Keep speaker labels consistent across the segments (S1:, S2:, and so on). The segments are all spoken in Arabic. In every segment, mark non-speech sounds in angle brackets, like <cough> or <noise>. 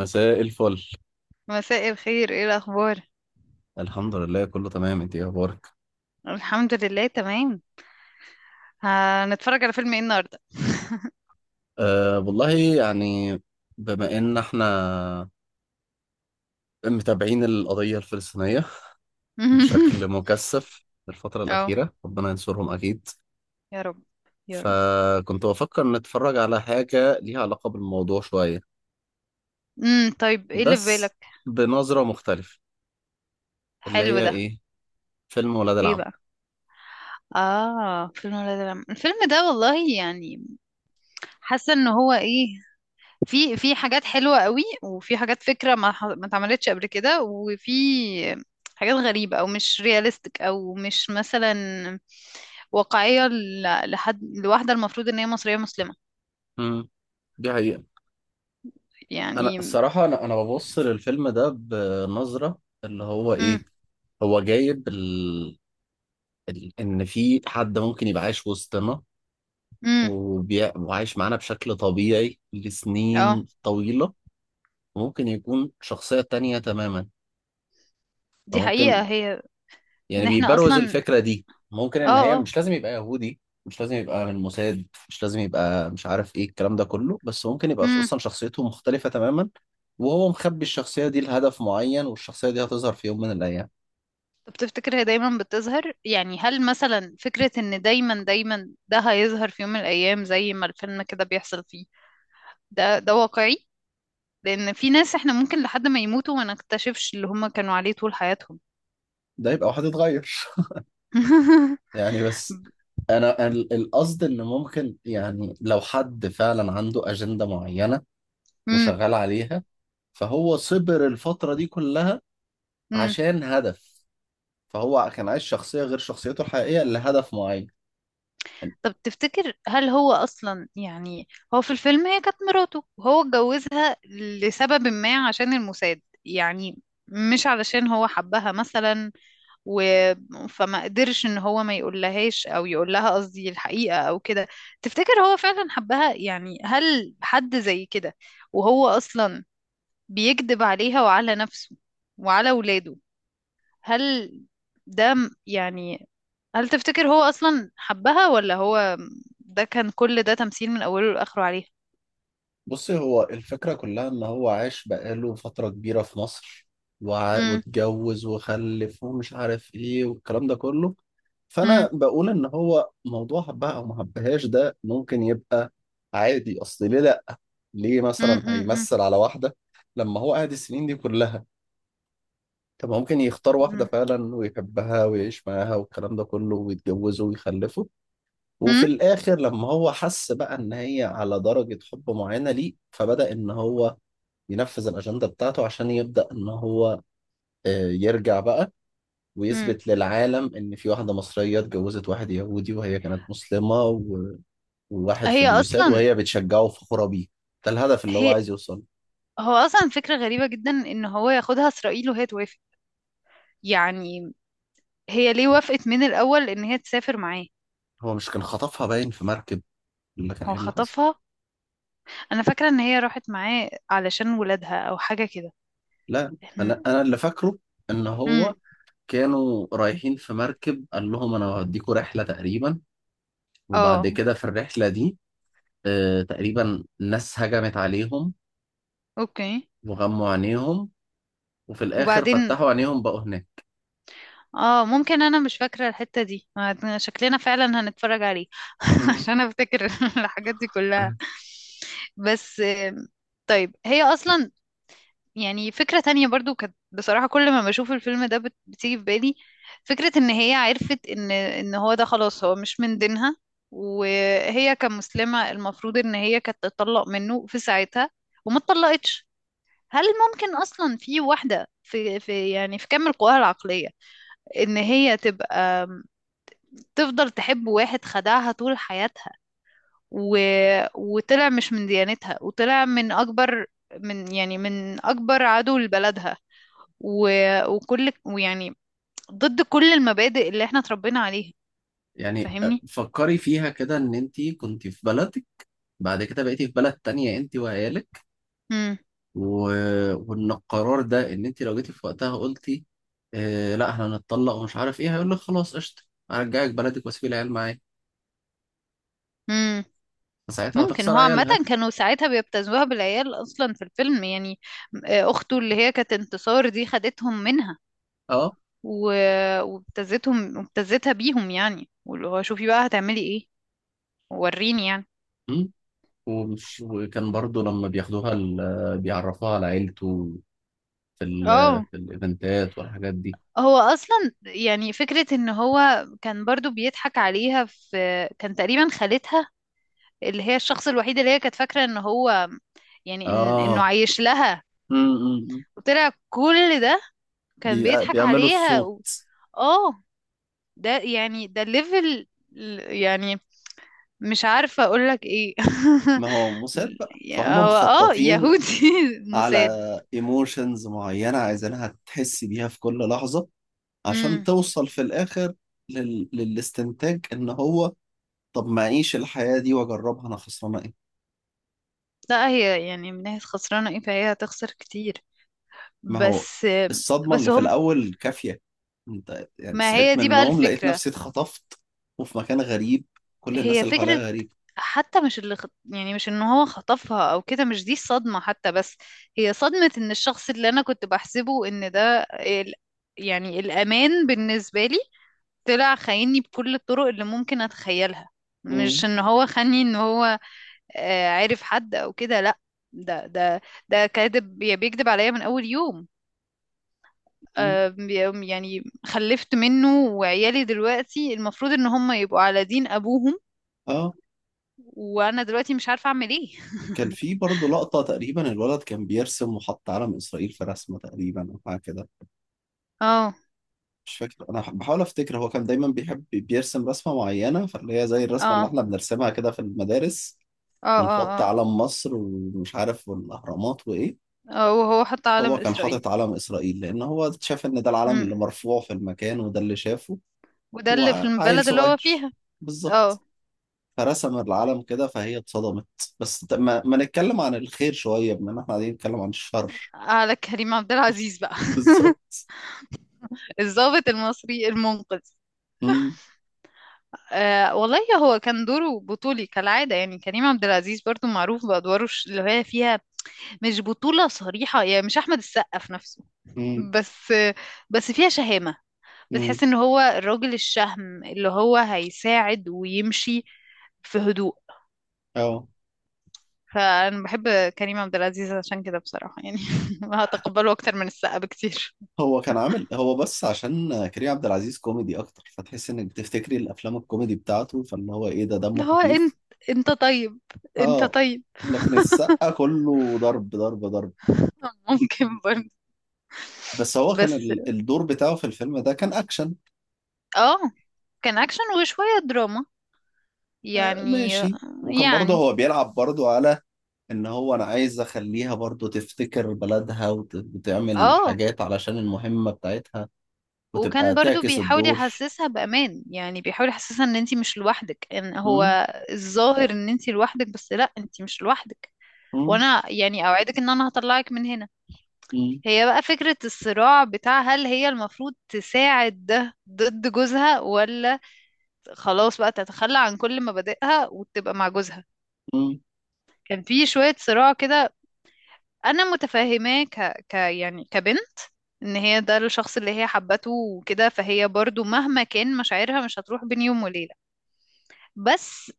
S1: مساء الفل.
S2: مساء الخير، ايه الاخبار؟
S1: الحمد لله كله تمام. انت ايه اخبارك؟
S2: الحمد لله تمام. هنتفرج على فيلم ايه النهارده؟
S1: أه والله، يعني بما ان احنا متابعين القضية الفلسطينية
S2: <laughs>
S1: بشكل مكثف الفترة
S2: اه،
S1: الأخيرة، ربنا ينصرهم أكيد.
S2: يا رب، يا رب.
S1: فكنت بفكر نتفرج على حاجة ليها علاقة بالموضوع شوية،
S2: طيب ايه اللي في
S1: بس
S2: بالك؟
S1: بنظرة مختلفة. اللي
S2: حلو
S1: هي
S2: ده.
S1: ايه؟ فيلم ولاد
S2: ايه
S1: العم.
S2: بقى؟ اه، فيلم ولاد العم الفيلم ده والله، حاسه ان هو ايه، في حاجات حلوه قوي، وفي حاجات فكره ما اتعملتش قبل كده، وفي حاجات غريبه او مش رياليستيك، او مش مثلا واقعيه، لحد لواحده المفروض ان هي مصريه مسلمه.
S1: مم. دي حقيقة. أنا
S2: يعني
S1: الصراحة أنا ببص للفيلم ده بنظرة، اللي هو
S2: امم
S1: ايه، هو جايب ان في حد ممكن يبقى عايش وسطنا،
S2: امم
S1: وعايش معانا بشكل طبيعي
S2: اه،
S1: لسنين طويلة، وممكن يكون شخصية تانية تماما.
S2: دي حقيقة
S1: فممكن
S2: هي.
S1: يعني
S2: ان احنا
S1: بيبروز
S2: اصلا
S1: الفكرة دي، ممكن ان
S2: اه
S1: هي
S2: اه.
S1: مش لازم يبقى يهودي، مش لازم يبقى من موساد، مش لازم يبقى مش عارف ايه الكلام ده كله، بس ممكن يبقى
S2: امم
S1: اصلا شخصيته مختلفة تماما. وهو مخبي الشخصية دي لهدف معين، والشخصية دي هتظهر في يوم من الأيام.
S2: طب تفتكر هي دايما بتظهر؟ يعني هل مثلا فكرة ان دايما دايما ده هيظهر في يوم من الايام زي ما الفيلم كده بيحصل فيه، ده ده واقعي؟ لان في ناس احنا ممكن لحد ما يموتوا ما نكتشفش اللي هم كانوا عليه طول حياتهم.
S1: ده يبقى واحد اتغير
S2: <laughs>
S1: يعني. بس انا القصد ان ممكن، يعني لو حد فعلا عنده اجندة معينة وشغال عليها، فهو صبر الفترة دي كلها
S2: امم
S1: عشان هدف. فهو كان عايش شخصية غير شخصيته الحقيقية لهدف معين يعني.
S2: طب تفتكر هل هو أصلا، يعني هو في الفيلم هي كانت مراته وهو اتجوزها لسبب ما عشان الموساد، يعني مش علشان هو حبها مثلا، و... فما قدرش ان هو ما يقولهاش، او يقول لها قصدي الحقيقة او كده. تفتكر هو فعلا حبها؟ يعني هل حد زي كده، وهو اصلا بيكذب عليها وعلى نفسه وعلى ولاده؟ هل ده يعني، هل تفتكر هو أصلا حبها، ولا هو ده كان، كل ده تمثيل من أوله لآخره عليها؟
S1: بصي، هو الفكرة كلها ان هو عاش بقاله فترة كبيرة في مصر،
S2: مم.
S1: واتجوز وخلف ومش عارف ايه والكلام ده كله.
S2: مم.
S1: فانا بقول ان هو موضوع حبها او ما حبهاش ده ممكن يبقى عادي. اصل ليه لا؟ ليه
S2: مم.
S1: مثلا
S2: مم.
S1: هيمثل على واحدة لما هو قاعد السنين دي كلها؟ طب ما ممكن يختار واحدة
S2: مم.
S1: فعلا ويحبها ويعيش معاها والكلام ده كله، ويتجوزوا ويخلفوا.
S2: مم.
S1: وفي الآخر لما هو حس بقى إن هي على درجة حب معينة ليه، فبدأ إن هو ينفذ الأجندة بتاعته، عشان يبدأ إن هو يرجع بقى،
S2: مم.
S1: ويثبت للعالم إن في واحدة مصرية اتجوزت واحد يهودي وهي كانت مسلمة، وواحد في
S2: هي
S1: الموساد
S2: أصلا
S1: وهي بتشجعه وفخورة بيه. ده الهدف اللي هو
S2: هي
S1: عايز يوصله.
S2: هو أصلا فكرة غريبة جدا إن هو ياخدها إسرائيل وهي توافق. يعني هي ليه وافقت من الأول إن هي تسافر معاه؟
S1: هو مش كان خطفها باين في مركب؟ اللي كان
S2: هو
S1: ايه اللي حصل؟
S2: خطفها. أنا فاكرة إن هي راحت معاه علشان ولادها أو حاجة كده.
S1: لا، انا
S2: إحنا-
S1: انا اللي فاكره ان
S2: مم.
S1: هو كانوا رايحين في مركب، قال لهم انا هوديكوا رحله تقريبا، وبعد
S2: اه.
S1: كده في الرحله دي تقريبا ناس هجمت عليهم
S2: اوكي.
S1: وغموا عينيهم، وفي الاخر
S2: وبعدين؟
S1: فتحوا عينيهم بقوا هناك.
S2: اه، ممكن انا مش فاكرة الحتة دي، شكلنا فعلا هنتفرج عليه <laughs> عشان
S1: <laughs>
S2: افتكر <laughs> الحاجات دي كلها. بس آم، طيب هي اصلا، يعني فكرة تانية برضو كانت بصراحة كل ما بشوف الفيلم ده بتيجي في بالي، فكرة ان هي عرفت ان هو ده خلاص هو مش من دينها، وهي كمسلمة المفروض ان هي كانت تطلق منه في ساعتها وما اتطلقتش. هل ممكن اصلا في واحدة في يعني في كامل قواها العقلية ان هي تبقى تفضل تحب واحد خدعها طول حياتها، و... وطلع مش من ديانتها، وطلع من أكبر، من يعني من أكبر عدو لبلدها، و... وكل، ويعني ضد كل المبادئ اللي احنا اتربينا عليها.
S1: يعني
S2: فاهمني؟
S1: فكري فيها كده، ان انت كنت في بلدك بعد كده بقيتي في بلد تانية انت وعيالك،
S2: مم.
S1: و... وان القرار ده ان انت لو جيتي في وقتها قلتي آه لا احنا هنتطلق ومش عارف ايه، هيقول لك خلاص قشطه، هرجعك بلدك واسيب العيال معايا.
S2: مم.
S1: فساعتها
S2: ممكن
S1: هتخسر
S2: هو عامة
S1: عيالها.
S2: كانوا ساعتها بيبتزوها بالعيال أصلا في الفيلم، يعني آه، أخته اللي هي كانت انتصار دي خدتهم منها،
S1: اه.
S2: و... وابتزتهم وابتزتها بيهم، يعني واللي هو شوفي بقى هتعملي ايه، وريني يعني.
S1: أمم. ومش وكان برضو لما بياخدوها بيعرفوها على عيلته في ال...
S2: اه.
S1: في الايفنتات والحاجات دي.
S2: هو اصلا، يعني فكرة ان هو كان برضو بيضحك عليها في، كان تقريبا خالتها اللي هي الشخص الوحيد اللي هي كانت فاكرة ان هو، يعني انه
S1: اه.
S2: عايش لها،
S1: أمم، أمم، أمم.
S2: وطلع كل ده كان بيضحك
S1: بيعملوا
S2: عليها
S1: الصوت.
S2: و... اه. ده يعني ده الليفل، يعني مش عارفة اقولك ايه.
S1: ما هو موساد
S2: <laughs>
S1: بقى فهم
S2: هو اه
S1: مخططين
S2: يهودي <laughs>
S1: على
S2: مساد.
S1: ايموشنز معينة عايزينها تحس بيها في كل لحظة، عشان
S2: امم
S1: توصل في الآخر للاستنتاج إن هو طب ما أعيش الحياة دي وأجربها، أنا خسرانة إيه؟
S2: لا، هي يعني من ناحية خسرانة ايه، فهي هتخسر كتير،
S1: ما هو
S2: بس.
S1: الصدمة
S2: بس
S1: اللي في
S2: هما،
S1: الأول كافية. أنت يعني
S2: ما
S1: صحيت
S2: هي
S1: من
S2: دي بقى
S1: النوم لقيت
S2: الفكرة.
S1: نفسي اتخطفت وفي مكان غريب، كل الناس
S2: هي
S1: اللي
S2: فكرة
S1: حواليا غريبة.
S2: حتى مش اللي يعني مش ان هو خطفها او كده مش دي الصدمة حتى، بس هي صدمة ان الشخص اللي انا كنت بحسبه ان ده يعني الامان بالنسبة لي، طلع خايني بكل الطرق اللي ممكن اتخيلها. مش
S1: مم.
S2: ان هو خاني ان هو آه، عارف حد او كده، لا. ده ده كاذب، يعني بيكذب عليا من اول يوم.
S1: مم.
S2: آه، يعني خلفت منه وعيالي دلوقتي المفروض ان هم يبقوا على دين ابوهم،
S1: آه،
S2: وانا دلوقتي مش عارفة اعمل ايه.
S1: كان في برضه لقطة تقريبا الولد كان بيرسم وحط علم إسرائيل في رسمة تقريبا أو حاجة كده.
S2: اه،
S1: مش فاكر، أنا بحاول أفتكر، هو كان دايما بيحب بيرسم رسمة معينة فاللي هي زي الرسمة اللي
S2: اه،
S1: إحنا بنرسمها كده في المدارس،
S2: اه، اه،
S1: ونحط
S2: اه،
S1: علم مصر ومش عارف والأهرامات وإيه.
S2: اه. وهو حط علم
S1: هو كان حاطط
S2: اسرائيل.
S1: علم إسرائيل لأن هو شاف إن ده العلم
S2: امم
S1: اللي مرفوع في المكان وده اللي شافه،
S2: وده اللي في
S1: وعيل
S2: البلد اللي هو
S1: صغير
S2: فيها. اه.
S1: بالظبط، فرسم العلم كده فهي اتصدمت. بس ما نتكلم عن الخير شوية بما إن إحنا قاعدين نتكلم عن الشر. <laughs>
S2: على كريم عبد العزيز بقى.
S1: بالظبط.
S2: <laughs> الضابط المصري المنقذ.
S1: مم،
S2: آه والله. هو كان دوره بطولي كالعادة، يعني كريم عبد العزيز برضو معروف بأدواره اللي هي فيها مش بطولة صريحة، يعني مش أحمد السقا في نفسه،
S1: مم،
S2: بس، بس فيها شهامة.
S1: مم.
S2: بتحس ان هو الراجل الشهم اللي هو هيساعد ويمشي في هدوء.
S1: أه،
S2: فأنا بحب كريم عبد العزيز عشان كده بصراحة، يعني <laughs> هتقبله أكتر من السقا بكتير.
S1: هو كان عامل، هو بس عشان كريم عبد العزيز كوميدي أكتر فتحس إنك بتفتكري الأفلام الكوميدي بتاعته، فاللي هو إيه ده دمه
S2: اللي هو انت،
S1: خفيف.
S2: انت طيب، انت
S1: اه.
S2: طيب.
S1: لكن السقا كله ضرب ضرب ضرب.
S2: <laughs> ممكن برضه.
S1: بس هو كان
S2: بس
S1: الدور بتاعه في الفيلم ده كان اكشن.
S2: اه، كان أكشن وشوية دراما
S1: آه
S2: يعني.
S1: ماشي. وكان برضه
S2: يعني
S1: هو بيلعب برضه على ان هو انا عايز اخليها برضه تفتكر بلدها وتعمل
S2: اه،
S1: حاجات علشان المهمة بتاعتها، وتبقى
S2: وكان برضو
S1: تعكس
S2: بيحاول
S1: الدور.
S2: يحسسها بأمان، يعني بيحاول يحسسها ان انتي مش لوحدك، ان هو
S1: مم،
S2: الظاهر ان انتي لوحدك، بس لا، انتي مش لوحدك،
S1: مم،
S2: وانا يعني اوعدك ان انا هطلعك من هنا.
S1: مم،
S2: هي بقى فكرة الصراع بتاع، هل هي المفروض تساعد ده ضد جوزها، ولا خلاص بقى تتخلى عن كل مبادئها وتبقى مع جوزها.
S1: مم،
S2: كان في شوية صراع كده. أنا متفهماه ك... ك يعني كبنت، إن هي ده الشخص اللي هي حبته وكده، فهي برضو مهما كان مشاعرها مش هتروح بين يوم وليلة. بس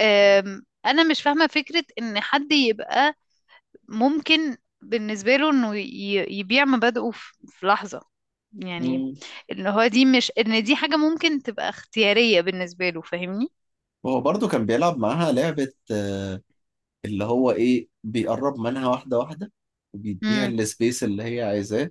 S2: آم، أنا مش فاهمة فكرة إن حد يبقى ممكن بالنسبة له انه يبيع مبادئه في لحظة، يعني
S1: مم.
S2: ان هو دي مش ان دي حاجة ممكن تبقى اختيارية بالنسبة له. فاهمني؟
S1: وهو برضه كان بيلعب معاها لعبة اللي هو ايه، بيقرب منها واحدة واحدة وبيديها
S2: امم.
S1: السبيس اللي هي عايزاه.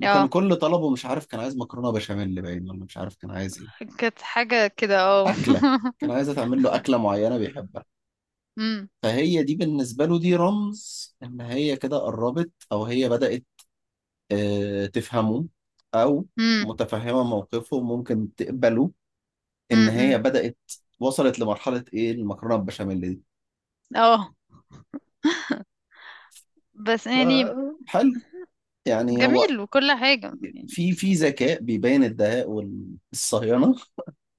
S1: وكان
S2: اه،
S1: كل طلبه مش عارف، كان عايز مكرونه بشاميل باين ولا مش عارف كان عايز ايه.
S2: كانت حاجة كده اه.
S1: اكله، كان عايزه تعمل له اكله معينه بيحبها.
S2: <laughs> امم.
S1: فهي دي بالنسبه له دي رمز ان هي كده قربت او هي بدات تفهمه، او
S2: امم.
S1: متفهمه موقفه ممكن تقبله، ان
S2: امم.
S1: هي بدات وصلت لمرحله ايه المكرونه بالبشاميل دي.
S2: اه. بس يعني
S1: ف- حلو، يعني هو
S2: جميل وكل حاجة، يعني
S1: في
S2: بس.
S1: في ذكاء بيبين الدهاء والصهيونه.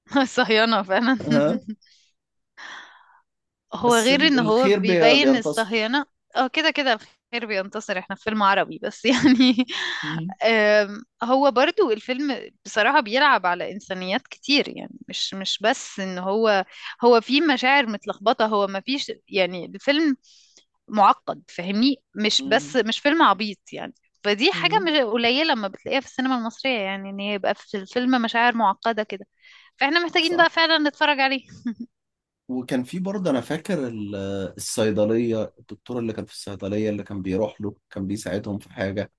S2: <laughs> صهيانة فعلا. هو
S1: بس
S2: غير ان هو
S1: الخير
S2: بيبين
S1: بينتصر.
S2: الصهيونة. اه كده كده الخير بينتصر، احنا في فيلم عربي بس <laughs> يعني.
S1: مم.
S2: آم، هو برضو الفيلم بصراحة بيلعب على إنسانيات كتير، يعني مش، مش بس ان هو، هو في مشاعر متلخبطة، هو ما فيش، يعني الفيلم معقد، فاهمني؟ مش
S1: مم.
S2: بس، مش فيلم عبيط يعني. فدي حاجة
S1: مم.
S2: مش قليلة لما بتلاقيها في السينما المصرية، يعني ان يبقى في الفيلم مشاعر معقدة كده. فاحنا محتاجين بقى
S1: صح.
S2: فعلا نتفرج عليه.
S1: وكان في برضه انا فاكر الصيدليه، الدكتور اللي كان في الصيدليه اللي كان بيروح له كان بيساعدهم في حاجه.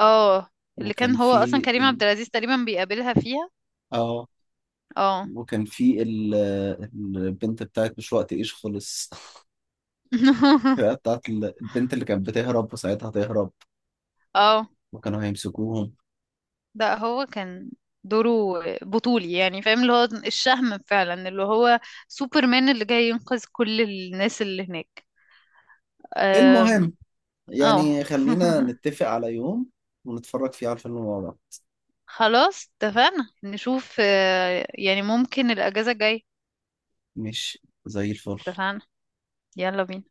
S2: اه، اللي
S1: وكان
S2: كان هو اصلا
S1: في
S2: كريم
S1: ال...
S2: عبد العزيز تقريبا بيقابلها فيها.
S1: اه
S2: اه.
S1: وكان في ال... البنت بتاعت مش وقت ايش خلص. <laughs>
S2: <laughs>
S1: بتاعت البنت اللي كانت بتهرب وساعتها تهرب،
S2: اه.
S1: وكانوا هيمسكوهم.
S2: ده هو كان دوره بطولي، يعني فاهم اللي هو الشهم فعلا، اللي هو سوبرمان اللي جاي ينقذ كل الناس اللي هناك. أم،
S1: المهم،
S2: اه.
S1: يعني خلينا
S2: <laughs>
S1: نتفق على يوم ونتفرج فيه على الفيلم مع بعض.
S2: خلاص اتفقنا نشوف. آه، يعني ممكن الأجازة الجاية.
S1: مش زي الفل.
S2: اتفقنا، يلا بينا.